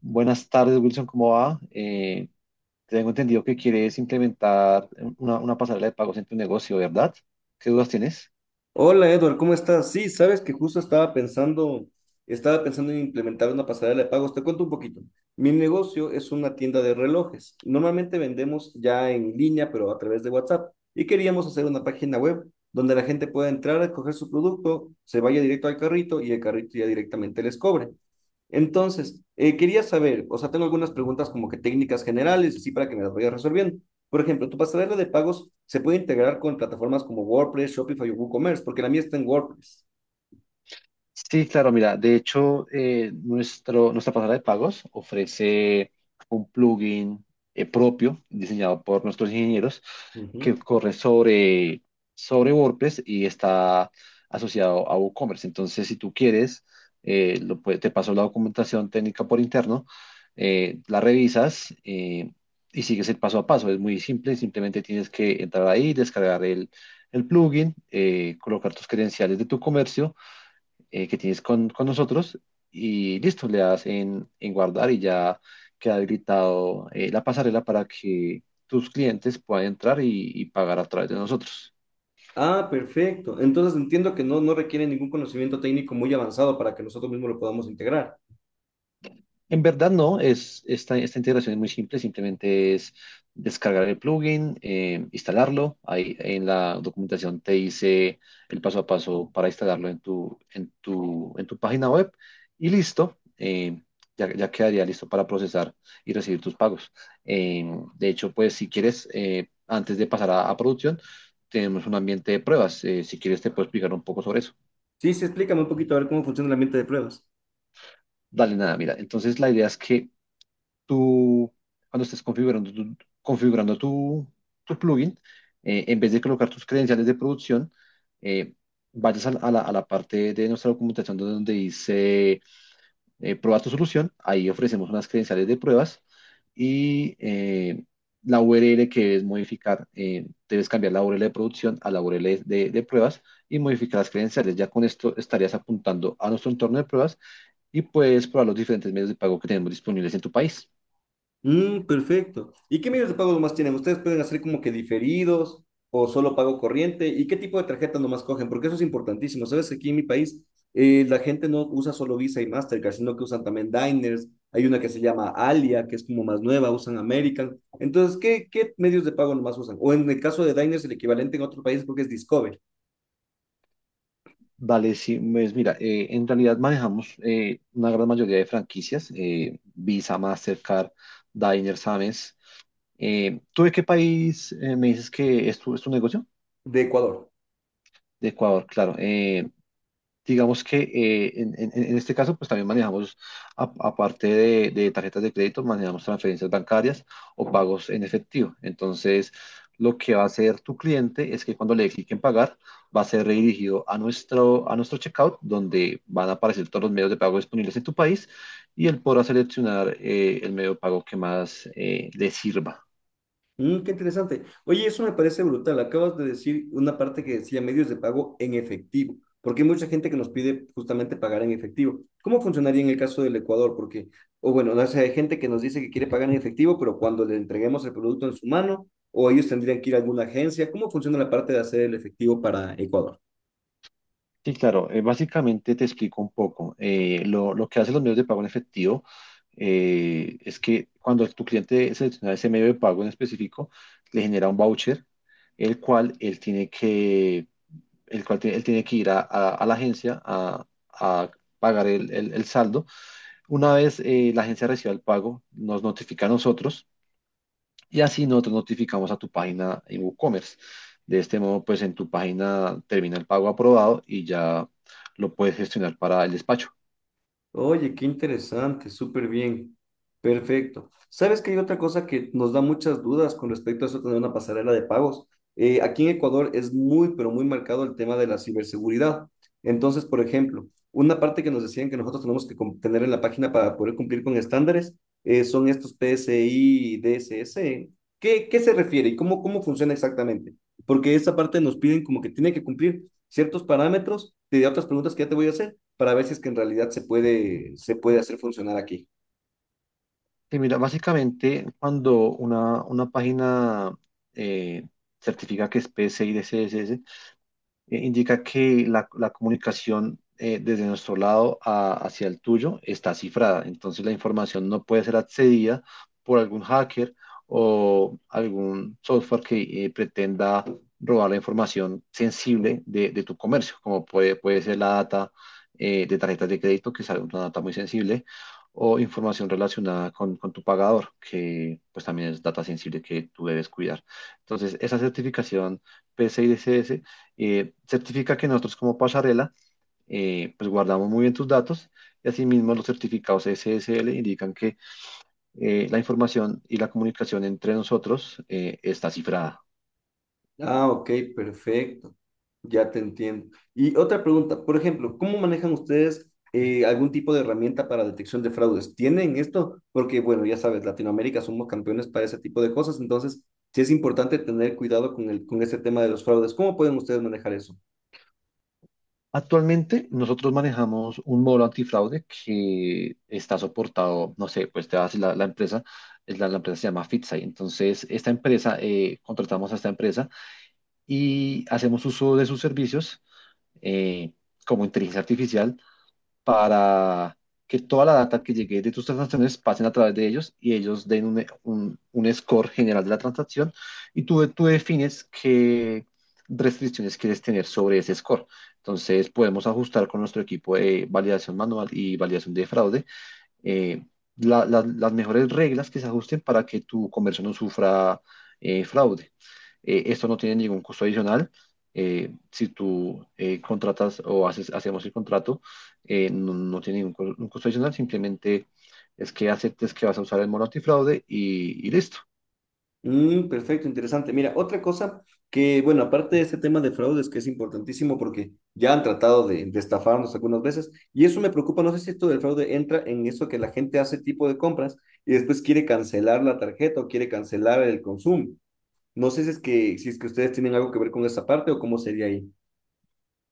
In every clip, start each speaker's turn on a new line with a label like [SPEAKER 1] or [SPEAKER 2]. [SPEAKER 1] Buenas tardes, Wilson, ¿cómo va? Tengo entendido que quieres implementar una pasarela de pagos en tu negocio, ¿verdad? ¿Qué dudas tienes?
[SPEAKER 2] Hola Edward, ¿cómo estás? Sí, sabes que justo estaba pensando en implementar una pasarela de pagos. Te cuento un poquito. Mi negocio es una tienda de relojes. Normalmente vendemos ya en línea, pero a través de WhatsApp. Y queríamos hacer una página web donde la gente pueda entrar, a coger su producto, se vaya directo al carrito y el carrito ya directamente les cobre. Entonces, quería saber, o sea, tengo algunas preguntas como que técnicas generales, así para que me las vayas resolviendo. Por ejemplo, tu pasarela de pagos se puede integrar con plataformas como WordPress, Shopify o WooCommerce, porque la mía está en WordPress.
[SPEAKER 1] Sí, claro, mira, de hecho, nuestra pasarela de pagos ofrece un plugin propio diseñado por nuestros ingenieros
[SPEAKER 2] Ujú.
[SPEAKER 1] que corre sobre WordPress y está asociado a WooCommerce. Entonces, si tú quieres, te paso la documentación técnica por interno, la revisas y sigues el paso a paso. Es muy simple, simplemente tienes que entrar ahí, el plugin, colocar tus credenciales de tu comercio que tienes con nosotros y listo, le das en guardar y ya queda habilitado la pasarela para que tus clientes puedan entrar y pagar a través de nosotros.
[SPEAKER 2] Ah, perfecto. Entonces entiendo que no requiere ningún conocimiento técnico muy avanzado para que nosotros mismos lo podamos integrar.
[SPEAKER 1] En verdad no, esta integración es muy simple, simplemente es descargar el plugin, instalarlo. Ahí en la documentación te dice el paso a paso para instalarlo en tu página web y listo, ya quedaría listo para procesar y recibir tus pagos. Eh, de hecho, pues si quieres, antes de pasar a producción, tenemos un ambiente de pruebas. Si quieres, te puedo explicar un poco sobre eso.
[SPEAKER 2] Sí, sí, explícame un poquito a ver cómo funciona el ambiente de pruebas.
[SPEAKER 1] Dale, nada, mira. Entonces, la idea es que tú, cuando estés configurando tu, tu plugin, en vez de colocar tus credenciales de producción, eh, vayas a, la, a la- a la parte de nuestra documentación donde dice prueba tu solución. Ahí ofrecemos unas credenciales de pruebas y eh, la URL que debes modificar, debes cambiar la URL de producción a la URL de pruebas y modificar las credenciales. Ya con esto estarías apuntando a nuestro entorno de pruebas y puedes probar los diferentes medios de pago que tenemos disponibles en tu país.
[SPEAKER 2] Mm, perfecto. ¿Y qué medios de pago nomás tienen? ¿Ustedes pueden hacer como que diferidos o solo pago corriente? ¿Y qué tipo de tarjeta nomás cogen? Porque eso es importantísimo. Sabes que aquí en mi país la gente no usa solo Visa y Mastercard, sino que usan también Diners. Hay una que se llama Alia, que es como más nueva, usan American. Entonces, ¿qué medios de pago nomás usan? O en el caso de Diners, el equivalente en otro país creo que es Discover,
[SPEAKER 1] Vale, sí, pues mira, en realidad manejamos una gran mayoría de franquicias, Visa, Mastercard, Diners, Amex. ¿Tú de qué país me dices que es tu negocio?
[SPEAKER 2] de Ecuador.
[SPEAKER 1] De Ecuador, claro. Digamos que en este caso, pues también manejamos aparte de tarjetas de crédito, manejamos transferencias bancarias o pagos en efectivo. Entonces, lo que va a hacer tu cliente es que cuando le dé clic en pagar, va a ser redirigido a nuestro checkout, donde van a aparecer todos los medios de pago disponibles en tu país y él podrá seleccionar el medio de pago que más le sirva.
[SPEAKER 2] Mm, qué interesante. Oye, eso me parece brutal. Acabas de decir una parte que decía medios de pago en efectivo, porque hay mucha gente que nos pide justamente pagar en efectivo. ¿Cómo funcionaría en el caso del Ecuador? Porque, o bueno, no sé, hay gente que nos dice que quiere pagar en efectivo, pero cuando le entreguemos el producto en su mano, o ellos tendrían que ir a alguna agencia. ¿Cómo funciona la parte de hacer el efectivo para Ecuador?
[SPEAKER 1] Sí, claro. Básicamente te explico un poco. Lo que hacen los medios de pago en efectivo es que cuando tu cliente selecciona ese medio de pago en específico, le genera un voucher, el cual él tiene que, el cual tiene- él tiene que ir a la agencia a pagar el saldo. Una vez la agencia reciba el pago, nos notifica a nosotros y así nosotros notificamos a tu página en WooCommerce. De este modo, pues en tu página termina el pago aprobado y ya lo puedes gestionar para el despacho.
[SPEAKER 2] Oye, qué interesante, súper bien. Perfecto. ¿Sabes que hay otra cosa que nos da muchas dudas con respecto a eso de tener una pasarela de pagos? Aquí en Ecuador es muy, pero muy marcado el tema de la ciberseguridad. Entonces, por ejemplo, una parte que nos decían que nosotros tenemos que tener en la página para poder cumplir con estándares son estos PCI, DSS. ¿Qué se refiere y cómo funciona exactamente? Porque esa parte nos piden como que tiene que cumplir ciertos parámetros de otras preguntas que ya te voy a hacer para ver si es que en realidad se puede hacer funcionar aquí.
[SPEAKER 1] Sí mira, básicamente cuando una página eh, certifica que es PCI de CSS, indica que la comunicación desde nuestro lado hacia el tuyo está cifrada. Entonces la información no puede ser accedida por algún hacker o algún software que pretenda robar la información sensible de tu comercio, como puede ser la data de tarjetas de crédito, que es una data muy sensible, o información relacionada con tu pagador, que pues también es data sensible que tú debes cuidar. Entonces, esa certificación PCI DSS certifica que nosotros como pasarela pues guardamos muy bien tus datos, y asimismo los certificados SSL indican que la información y la comunicación entre nosotros está cifrada.
[SPEAKER 2] Ah, ok, perfecto. Ya te entiendo. Y otra pregunta, por ejemplo, ¿cómo manejan ustedes algún tipo de herramienta para detección de fraudes? ¿Tienen esto? Porque, bueno, ya sabes, Latinoamérica somos campeones para ese tipo de cosas, entonces sí es importante tener cuidado con el, con ese tema de los fraudes. ¿Cómo pueden ustedes manejar eso?
[SPEAKER 1] Actualmente nosotros manejamos un módulo antifraude que está soportado, no sé, pues te vas a la empresa, es la empresa se llama Fitsai. Entonces, esta empresa, contratamos a esta empresa y hacemos uso de sus servicios eh, como inteligencia artificial para que toda la data que llegue de tus transacciones pasen a través de ellos, y ellos den un score general de la transacción, y tú defines qué restricciones quieres tener sobre ese score. Entonces podemos ajustar con nuestro equipo de validación manual y validación de fraude eh, las mejores reglas que se ajusten para que tu comercio no sufra fraude. Esto no tiene ningún costo adicional. Si tú hacemos el contrato, no tiene ningún costo adicional, simplemente es que aceptes que vas a usar el mono antifraude y listo.
[SPEAKER 2] Mm, perfecto, interesante. Mira, otra cosa que, bueno, aparte de este tema de fraudes, que es importantísimo porque ya han tratado de estafarnos algunas veces, y eso me preocupa, no sé si esto del fraude entra en eso que la gente hace tipo de compras y después quiere cancelar la tarjeta o quiere cancelar el consumo. No sé si es que ustedes tienen algo que ver con esa parte o cómo sería ahí.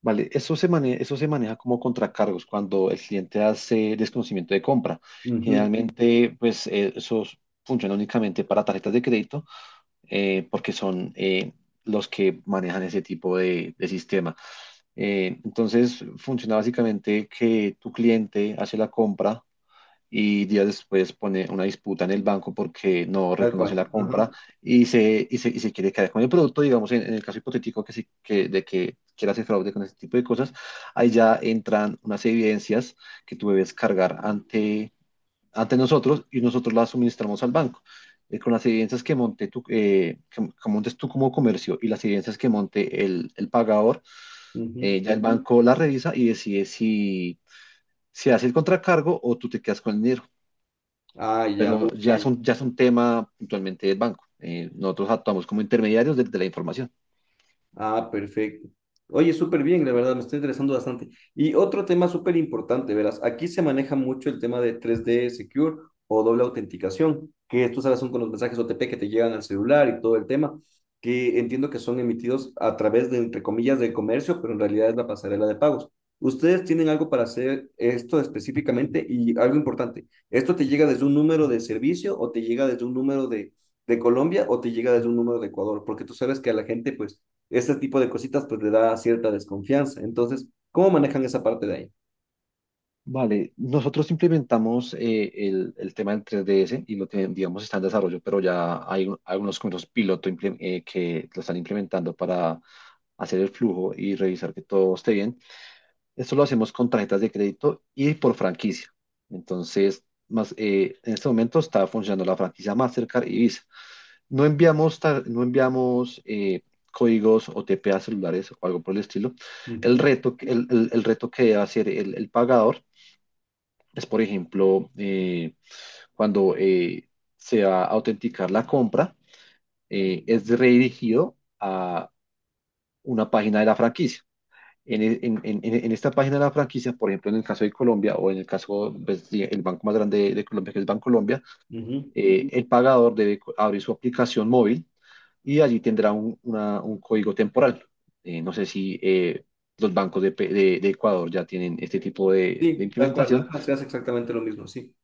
[SPEAKER 1] Vale, eso se maneja como contracargos cuando el cliente hace desconocimiento de compra.
[SPEAKER 2] Ujú,
[SPEAKER 1] Generalmente, pues eso funciona únicamente para tarjetas de crédito porque son los que manejan ese tipo de sistema. Entonces funciona básicamente que tu cliente hace la compra y días después pone una disputa en el banco porque no
[SPEAKER 2] tal
[SPEAKER 1] reconoce
[SPEAKER 2] cual.
[SPEAKER 1] la compra
[SPEAKER 2] Ajá.
[SPEAKER 1] y se quiere quedar con el producto, digamos, en el caso hipotético de que quiera hacer fraude con este tipo de cosas, ahí ya entran unas evidencias que tú debes cargar ante nosotros y nosotros la suministramos al banco. Con las evidencias que montes tú como comercio y las evidencias que monte el pagador,
[SPEAKER 2] Ujú.
[SPEAKER 1] ya el banco la revisa y decide si, si hace el contracargo o tú te quedas con el dinero.
[SPEAKER 2] Ah, ya.
[SPEAKER 1] Pero ya
[SPEAKER 2] Ok.
[SPEAKER 1] ya es un tema puntualmente del banco. Nosotros actuamos como intermediarios de la información.
[SPEAKER 2] Ah, perfecto. Oye, súper bien, la verdad, me está interesando bastante. Y otro tema súper importante, verás, aquí se maneja mucho el tema de tres d Secure o doble autenticación, que tú sabes, son con los mensajes OTP que te llegan al celular y todo el tema, que entiendo que son emitidos a través de, entre comillas, del comercio, pero en realidad es la pasarela de pagos. ¿Ustedes tienen algo para hacer esto específicamente? Y algo importante, ¿esto te llega desde un número de servicio o te llega desde un número de Colombia o te llega desde un número de Ecuador? Porque tú sabes que a la gente, pues este tipo de cositas pues le da cierta desconfianza. Entonces, ¿cómo manejan esa parte de ahí?
[SPEAKER 1] Vale, nosotros implementamos el tema del 3DS y lo tenemos, digamos, está en desarrollo, pero algunos comercios piloto que lo están implementando para hacer el flujo y revisar que todo esté bien. Esto lo hacemos con tarjetas de crédito y por franquicia. Entonces, más, en este momento está funcionando la franquicia Mastercard y Visa. No enviamos códigos OTP a celulares o algo por el estilo.
[SPEAKER 2] Ujú,
[SPEAKER 1] El reto que debe hacer el pagador es, por ejemplo, cuando se va a autenticar la compra, es redirigido a una página de la franquicia. En, e- en- en- En esta página de la franquicia, por ejemplo, en el caso de Colombia o en el caso pues, sí, el banco más grande de Colombia, que es Bancolombia,
[SPEAKER 2] ujú.
[SPEAKER 1] el pagador debe abrir su aplicación móvil y allí tendrá un código temporal. No sé si los bancos de Ecuador ya tienen este tipo de
[SPEAKER 2] Sí, tal cual,
[SPEAKER 1] implementación.
[SPEAKER 2] ajá, se hace exactamente lo mismo, sí.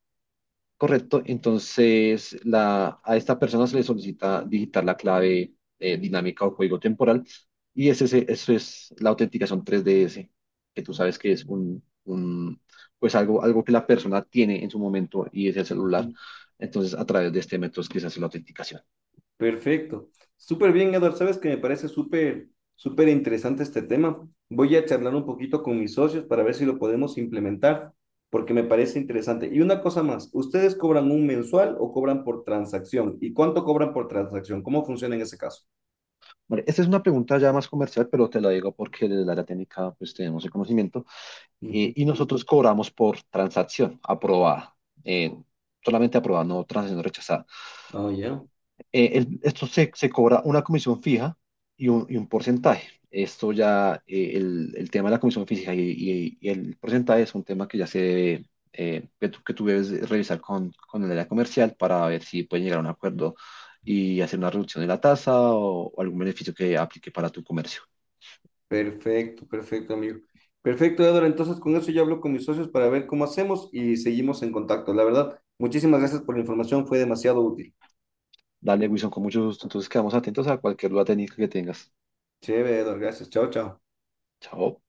[SPEAKER 1] Correcto, entonces a esta persona se le solicita digitar la clave dinámica o código temporal, eso es la autenticación 3DS, que tú sabes que es pues algo, algo que la persona tiene en su momento, y es el celular.
[SPEAKER 2] Ujú.
[SPEAKER 1] Entonces, a través de este método es que se hace la autenticación.
[SPEAKER 2] Perfecto. Súper bien, Eduardo. Sabes que me parece súper, súper interesante este tema. Voy a charlar un poquito con mis socios para ver si lo podemos implementar, porque me parece interesante. Y una cosa más, ¿ustedes cobran un mensual o cobran por transacción? ¿Y cuánto cobran por transacción? ¿Cómo funciona en ese caso?
[SPEAKER 1] Vale, esta es una pregunta ya más comercial, pero te la digo porque desde la área técnica pues tenemos el conocimiento
[SPEAKER 2] Ujú.
[SPEAKER 1] y nosotros cobramos por transacción aprobada, eh, solamente aprobada, no transacción rechazada.
[SPEAKER 2] Oh, ya.
[SPEAKER 1] Esto se cobra una comisión fija y un porcentaje. Esto ya, el tema de la comisión fija y el porcentaje es un tema que ya se debe, que tú debes revisar con el área comercial para ver si pueden llegar a un acuerdo y hacer una reducción de la tasa o algún beneficio que aplique para tu comercio.
[SPEAKER 2] Perfecto, perfecto, amigo. Perfecto, Edward. Entonces, con eso ya hablo con mis socios para ver cómo hacemos y seguimos en contacto. La verdad, muchísimas gracias por la información, fue demasiado útil.
[SPEAKER 1] Dale, Wilson, con mucho gusto. Entonces quedamos atentos a cualquier duda técnica que tengas.
[SPEAKER 2] Chévere, Edward. Gracias. Chao, chao.
[SPEAKER 1] Chao.